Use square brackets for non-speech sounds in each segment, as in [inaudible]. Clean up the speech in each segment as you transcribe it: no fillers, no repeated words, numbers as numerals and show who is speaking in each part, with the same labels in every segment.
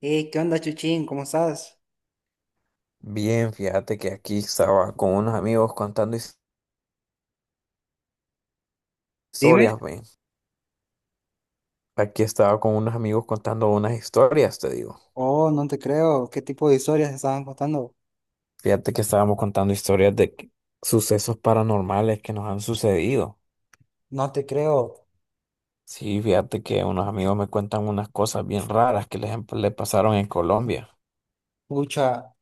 Speaker 1: ¿Qué onda, Chuchín? ¿Cómo estás?
Speaker 2: Bien, fíjate que aquí estaba con unos amigos contando
Speaker 1: Dime.
Speaker 2: historias, men. Aquí estaba con unos amigos contando unas historias, te digo.
Speaker 1: Oh, no te creo. ¿Qué tipo de historias estaban contando?
Speaker 2: Fíjate que estábamos contando historias sucesos paranormales que nos han sucedido.
Speaker 1: No te creo.
Speaker 2: Sí, fíjate que unos amigos me cuentan unas cosas bien raras que le pasaron en Colombia.
Speaker 1: Pucha,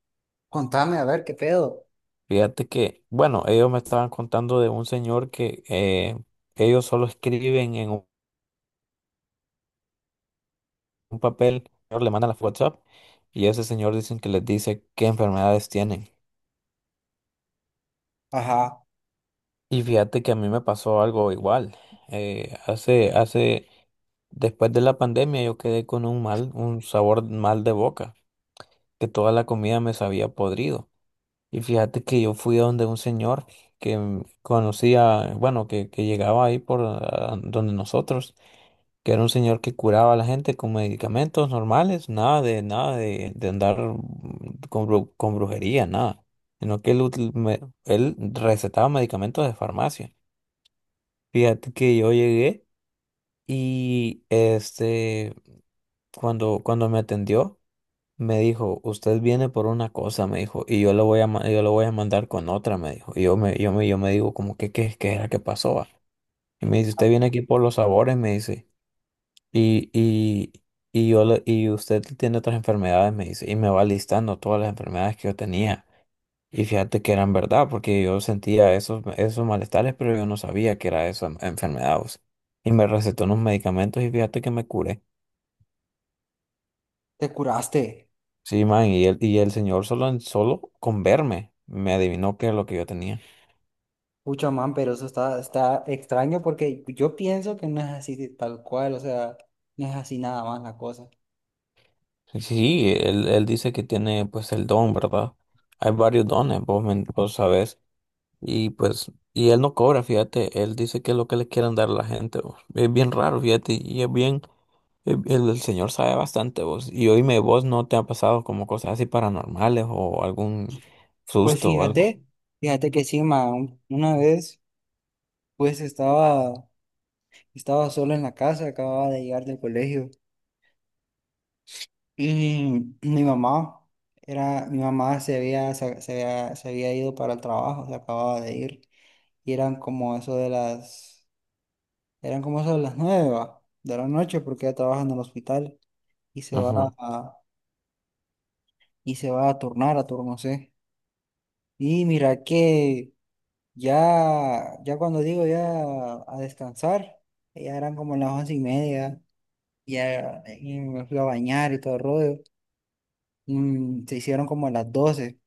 Speaker 1: contame, a ver, ¿qué pedo?
Speaker 2: Fíjate que, bueno, ellos me estaban contando de un señor que ellos solo escriben en un papel, le mandan a WhatsApp y ese señor dicen que les dice qué enfermedades tienen.
Speaker 1: Ajá,
Speaker 2: Y fíjate que a mí me pasó algo igual. Eh, hace, hace, Después de la pandemia yo quedé con un mal, un sabor mal de boca, que toda la comida me sabía podrido. Y fíjate que yo fui a donde un señor que conocía, bueno, que llegaba ahí por donde nosotros, que era un señor que curaba a la gente con medicamentos normales, nada de andar con brujería, nada. Sino que él recetaba medicamentos de farmacia. Fíjate que yo llegué y cuando me atendió, me dijo, usted viene por una cosa, me dijo, y yo lo voy a, ma- yo lo voy a mandar con otra, me dijo. Y yo me digo, como, ¿qué era que pasó, va? Y me dice, usted viene aquí por los sabores, me dice. Y, y, y y usted tiene otras enfermedades, me dice. Y me va listando todas las enfermedades que yo tenía. Y fíjate que eran verdad, porque yo sentía esos malestares, pero yo no sabía que era esa enfermedad, o sea. Y me recetó unos medicamentos y fíjate que me curé.
Speaker 1: te curaste.
Speaker 2: Sí, man, y el señor, solo, solo con verme me adivinó qué es lo que yo tenía.
Speaker 1: Pucha, man, pero eso está extraño porque yo pienso que no es así de tal cual, o sea, no es así nada más la cosa.
Speaker 2: Sí, sí, él dice que tiene pues el don, ¿verdad? Hay varios dones, vos, vos sabés. Y pues, y él no cobra, fíjate, él dice que es lo que le quieren dar a la gente, vos. Es bien raro, fíjate, y es bien, el señor sabe bastante, vos. Y oíme, vos, no te ha pasado como cosas así paranormales o algún
Speaker 1: Pues
Speaker 2: susto o algo.
Speaker 1: fíjate que sí, man, una vez, pues estaba solo en la casa, acababa de llegar del colegio. Y mi mamá se había ido para el trabajo, se acababa de ir, y eran como eso de las, eran como eso de las 9 va, de la noche, porque ella trabaja en el hospital y se va
Speaker 2: Ajá,
Speaker 1: a, y se va a turnar a turno C. Y mira que ya cuando digo ya a descansar, ya eran como las 11:30, ya y me fui a bañar y todo el rollo. Se hicieron como a las 12.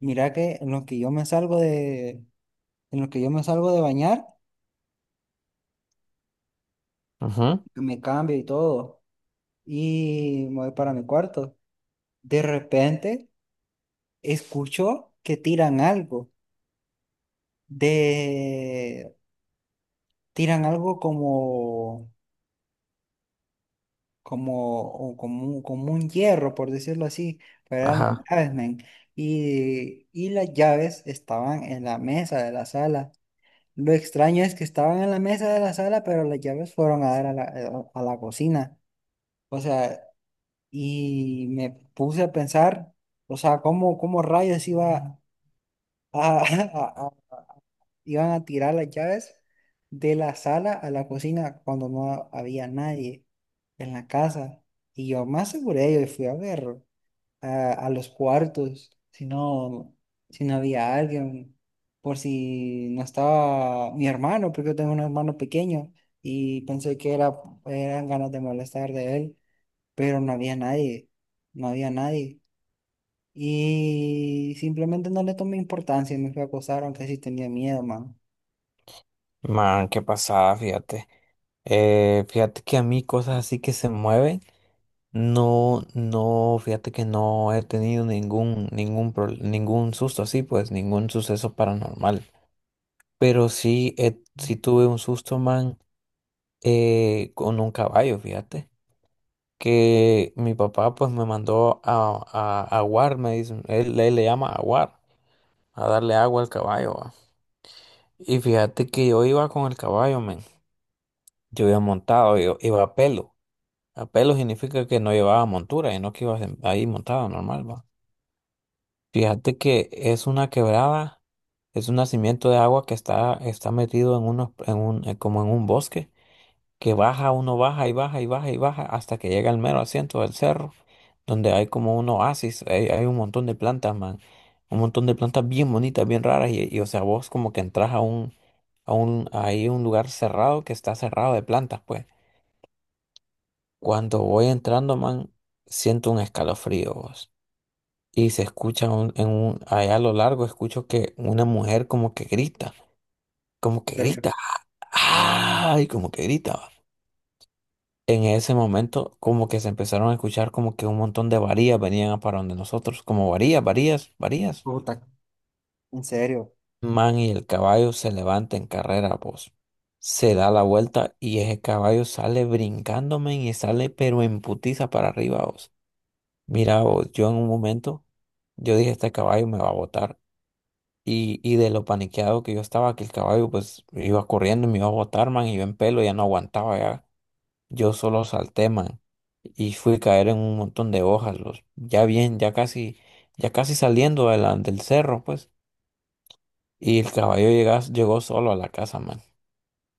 Speaker 1: Mira que en los que yo me salgo de, en los que yo me salgo de bañar,
Speaker 2: ajá,
Speaker 1: me cambio y todo, y me voy para mi cuarto. De repente escucho que tiran algo, de, tiran algo como un hierro, por decirlo así, pero eran
Speaker 2: ajá.
Speaker 1: llaves, men. Y las llaves estaban en la mesa de la sala. Lo extraño es que estaban en la mesa de la sala, pero las llaves fueron a dar a la cocina. O sea, y me puse a pensar, o sea, cómo rayos [laughs] a- a- iban a tirar las llaves de la sala a la cocina cuando no había nadie en la casa. Y yo me aseguré, yo fui a ver a los cuartos, si no había alguien, por si no estaba mi hermano, porque yo tengo un hermano pequeño y pensé que eran ganas de molestar de él pero no había nadie, no había nadie. Y simplemente no le tomé importancia y me fui a acosar, aunque sí tenía miedo, mano.
Speaker 2: Man, qué pasada, fíjate. Fíjate que a mí cosas así que se mueven, no, no, fíjate que no he tenido ningún susto así, pues, ningún suceso paranormal. Pero sí, sí tuve un susto, man, con un caballo, fíjate. Que mi papá pues me mandó a, aguar, me dice, él le llama aguar, a darle agua al caballo, va. Y fíjate que yo iba con el caballo, men. Yo iba montado, yo iba a pelo. A pelo significa que no llevaba montura, y no que ibas ahí montado normal, va. Fíjate que es una quebrada, es un nacimiento de agua que está metido en unos, en un, como en un bosque. Que baja, uno baja y baja y baja y baja hasta que llega al mero asiento del cerro, donde hay como un oasis, hay un montón de plantas, man, un montón de plantas bien bonitas, bien raras, y, o sea, vos como que entras a un lugar cerrado, que está cerrado de plantas, pues. Cuando voy entrando, man, siento un escalofrío, vos. Y se escucha allá a lo largo, escucho que una mujer como que
Speaker 1: ¿En
Speaker 2: grita,
Speaker 1: serio?
Speaker 2: ¡ay! Como que grita. En ese momento, como que se empezaron a escuchar como que un montón de varías venían a para donde nosotros, como varías, varías, varías.
Speaker 1: Puta, en serio,
Speaker 2: Man, y el caballo se levanta en carrera, vos. Se da la vuelta y ese caballo sale brincándome y sale pero en putiza para arriba, vos. Mira, vos, yo en un momento, yo dije, este caballo me va a botar. Y de lo paniqueado que yo estaba, que el caballo pues iba corriendo y me iba a botar, man, y yo en pelo ya no aguantaba ya. Yo solo salté, man, y fui a caer en un montón de hojas, los, ya bien, ya casi saliendo de del cerro, pues. Y el caballo llegó solo a la casa, man.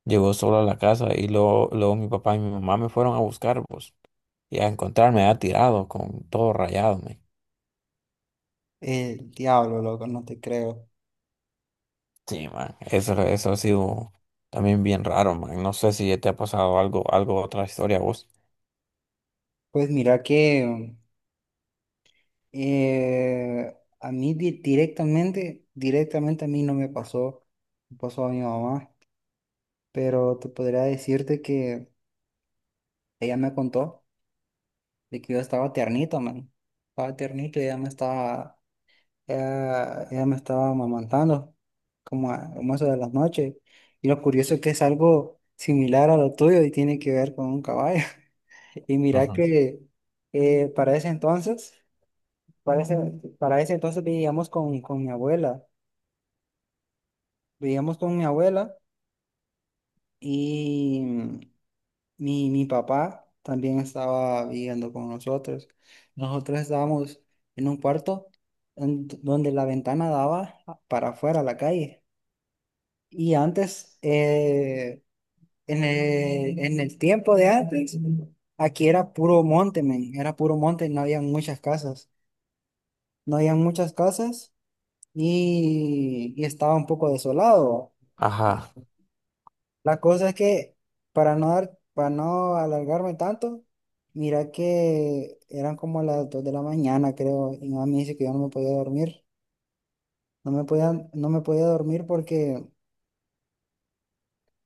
Speaker 2: Llegó solo a la casa y luego mi papá y mi mamá me fueron a buscar, pues, y a encontrarme ha tirado con todo rayado, man.
Speaker 1: el diablo, loco, no te creo.
Speaker 2: Sí, man, eso ha sido también bien raro, man. No sé si te ha pasado otra historia a vos.
Speaker 1: Pues mira que a mí directamente a mí no me pasó, me pasó a mi mamá, pero te podría decirte que ella me contó de que yo estaba tiernito, man. Estaba tiernito y ella me estaba amamantando como eso de las noches. Y lo curioso es que es algo similar a lo tuyo y tiene que ver con un caballo. [laughs] Y mira
Speaker 2: Ujú.
Speaker 1: que eh, para ese entonces, para ese, para ese entonces vivíamos con mi abuela. Vivíamos con mi abuela y mi papá también estaba viviendo con nosotros. Nosotros estábamos en un cuarto donde la ventana daba para afuera a la calle. Y antes, en el tiempo de antes, aquí era puro monte, men, era puro monte y no había muchas casas. No había muchas casas y estaba un poco desolado.
Speaker 2: Ajá,
Speaker 1: La cosa es que, para no alargarme tanto, mira que eran como las 2 de la mañana, creo, y mi mamá me dice que yo no me podía dormir. No me podía dormir porque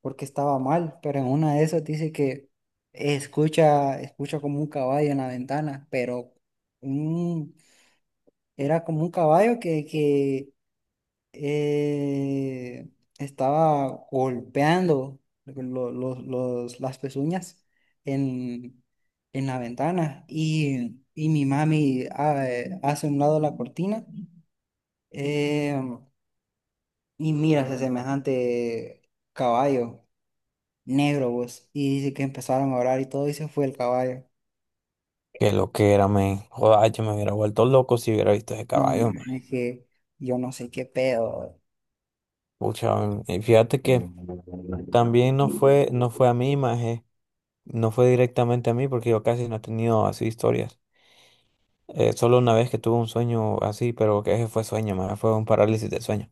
Speaker 1: porque estaba mal, pero en una de esas dice que escucha como un caballo en la ventana, pero un- era como un caballo que eh, estaba golpeando las pezuñas en, en la ventana y mi mami hace a un lado la cortina eh, y mira ese semejante caballo negro, vos. Y dice que empezaron a orar y todo, y se fue el caballo.
Speaker 2: que lo que era, man? Joder, yo me hubiera vuelto loco si hubiera visto ese
Speaker 1: No,
Speaker 2: caballo.
Speaker 1: man, es que yo no sé qué pedo.
Speaker 2: Pucha, y fíjate que también no fue a mí, maje, no fue directamente a mí porque yo casi no he tenido así historias. Solo una vez que tuve un sueño así, pero que ese fue sueño, maje, fue un parálisis de sueño,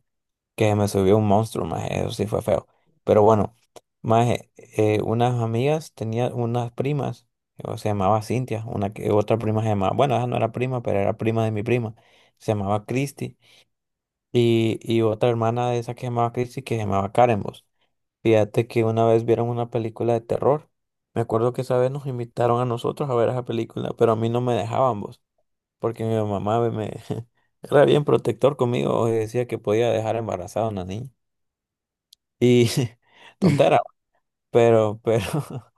Speaker 2: que me subió un monstruo, maje, eso sí fue feo. Pero bueno, maje, unas amigas, tenía unas primas, o se llamaba Cintia, una que otra prima se llamaba, bueno, esa no era prima, pero era prima de mi prima, se llamaba Christy, y otra hermana de esa que se llamaba Christy que se llamaba Karen, vos. Fíjate que una vez vieron una película de terror. Me acuerdo que esa vez nos invitaron a nosotros a ver esa película, pero a mí no me dejaban, vos, porque mi mamá [laughs] era bien protector conmigo, y decía que podía dejar embarazada a una niña. Y [laughs] tontera,
Speaker 1: [laughs]
Speaker 2: pero, pero, [laughs]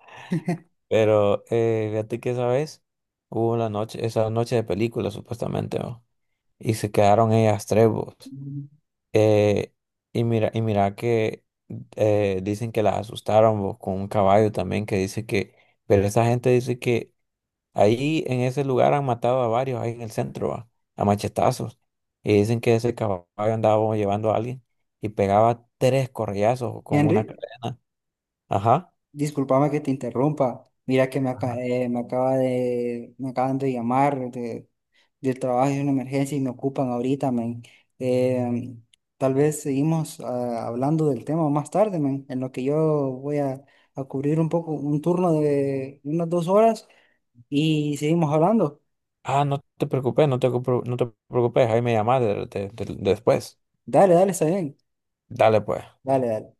Speaker 2: pero, fíjate que esa vez hubo una noche, esa noche de película supuestamente, ¿no? Y se quedaron ellas tres, vos. Eh, y mira, que dicen que la asustaron, vos, con un caballo también, que dice que, pero esa gente dice que ahí en ese lugar han matado a varios, ahí en el centro, va, a machetazos. Y dicen que ese caballo andaba llevando a alguien y pegaba tres correazos con una
Speaker 1: Henry,
Speaker 2: cadena. Ajá.
Speaker 1: discúlpame que te interrumpa. Mira que me, aca-
Speaker 2: Ajá.
Speaker 1: eh, me acaba de, me acaban de llamar del trabajo, es una emergencia y me ocupan ahorita, men. Eh, tal vez seguimos hablando del tema más tarde, men, en lo que yo voy a cubrir un turno de unas 2 horas y seguimos hablando.
Speaker 2: Ah, no te preocupes, no te preocupes, ahí me llamás después.
Speaker 1: Dale, dale, está bien.
Speaker 2: Dale pues.
Speaker 1: Dale, dale.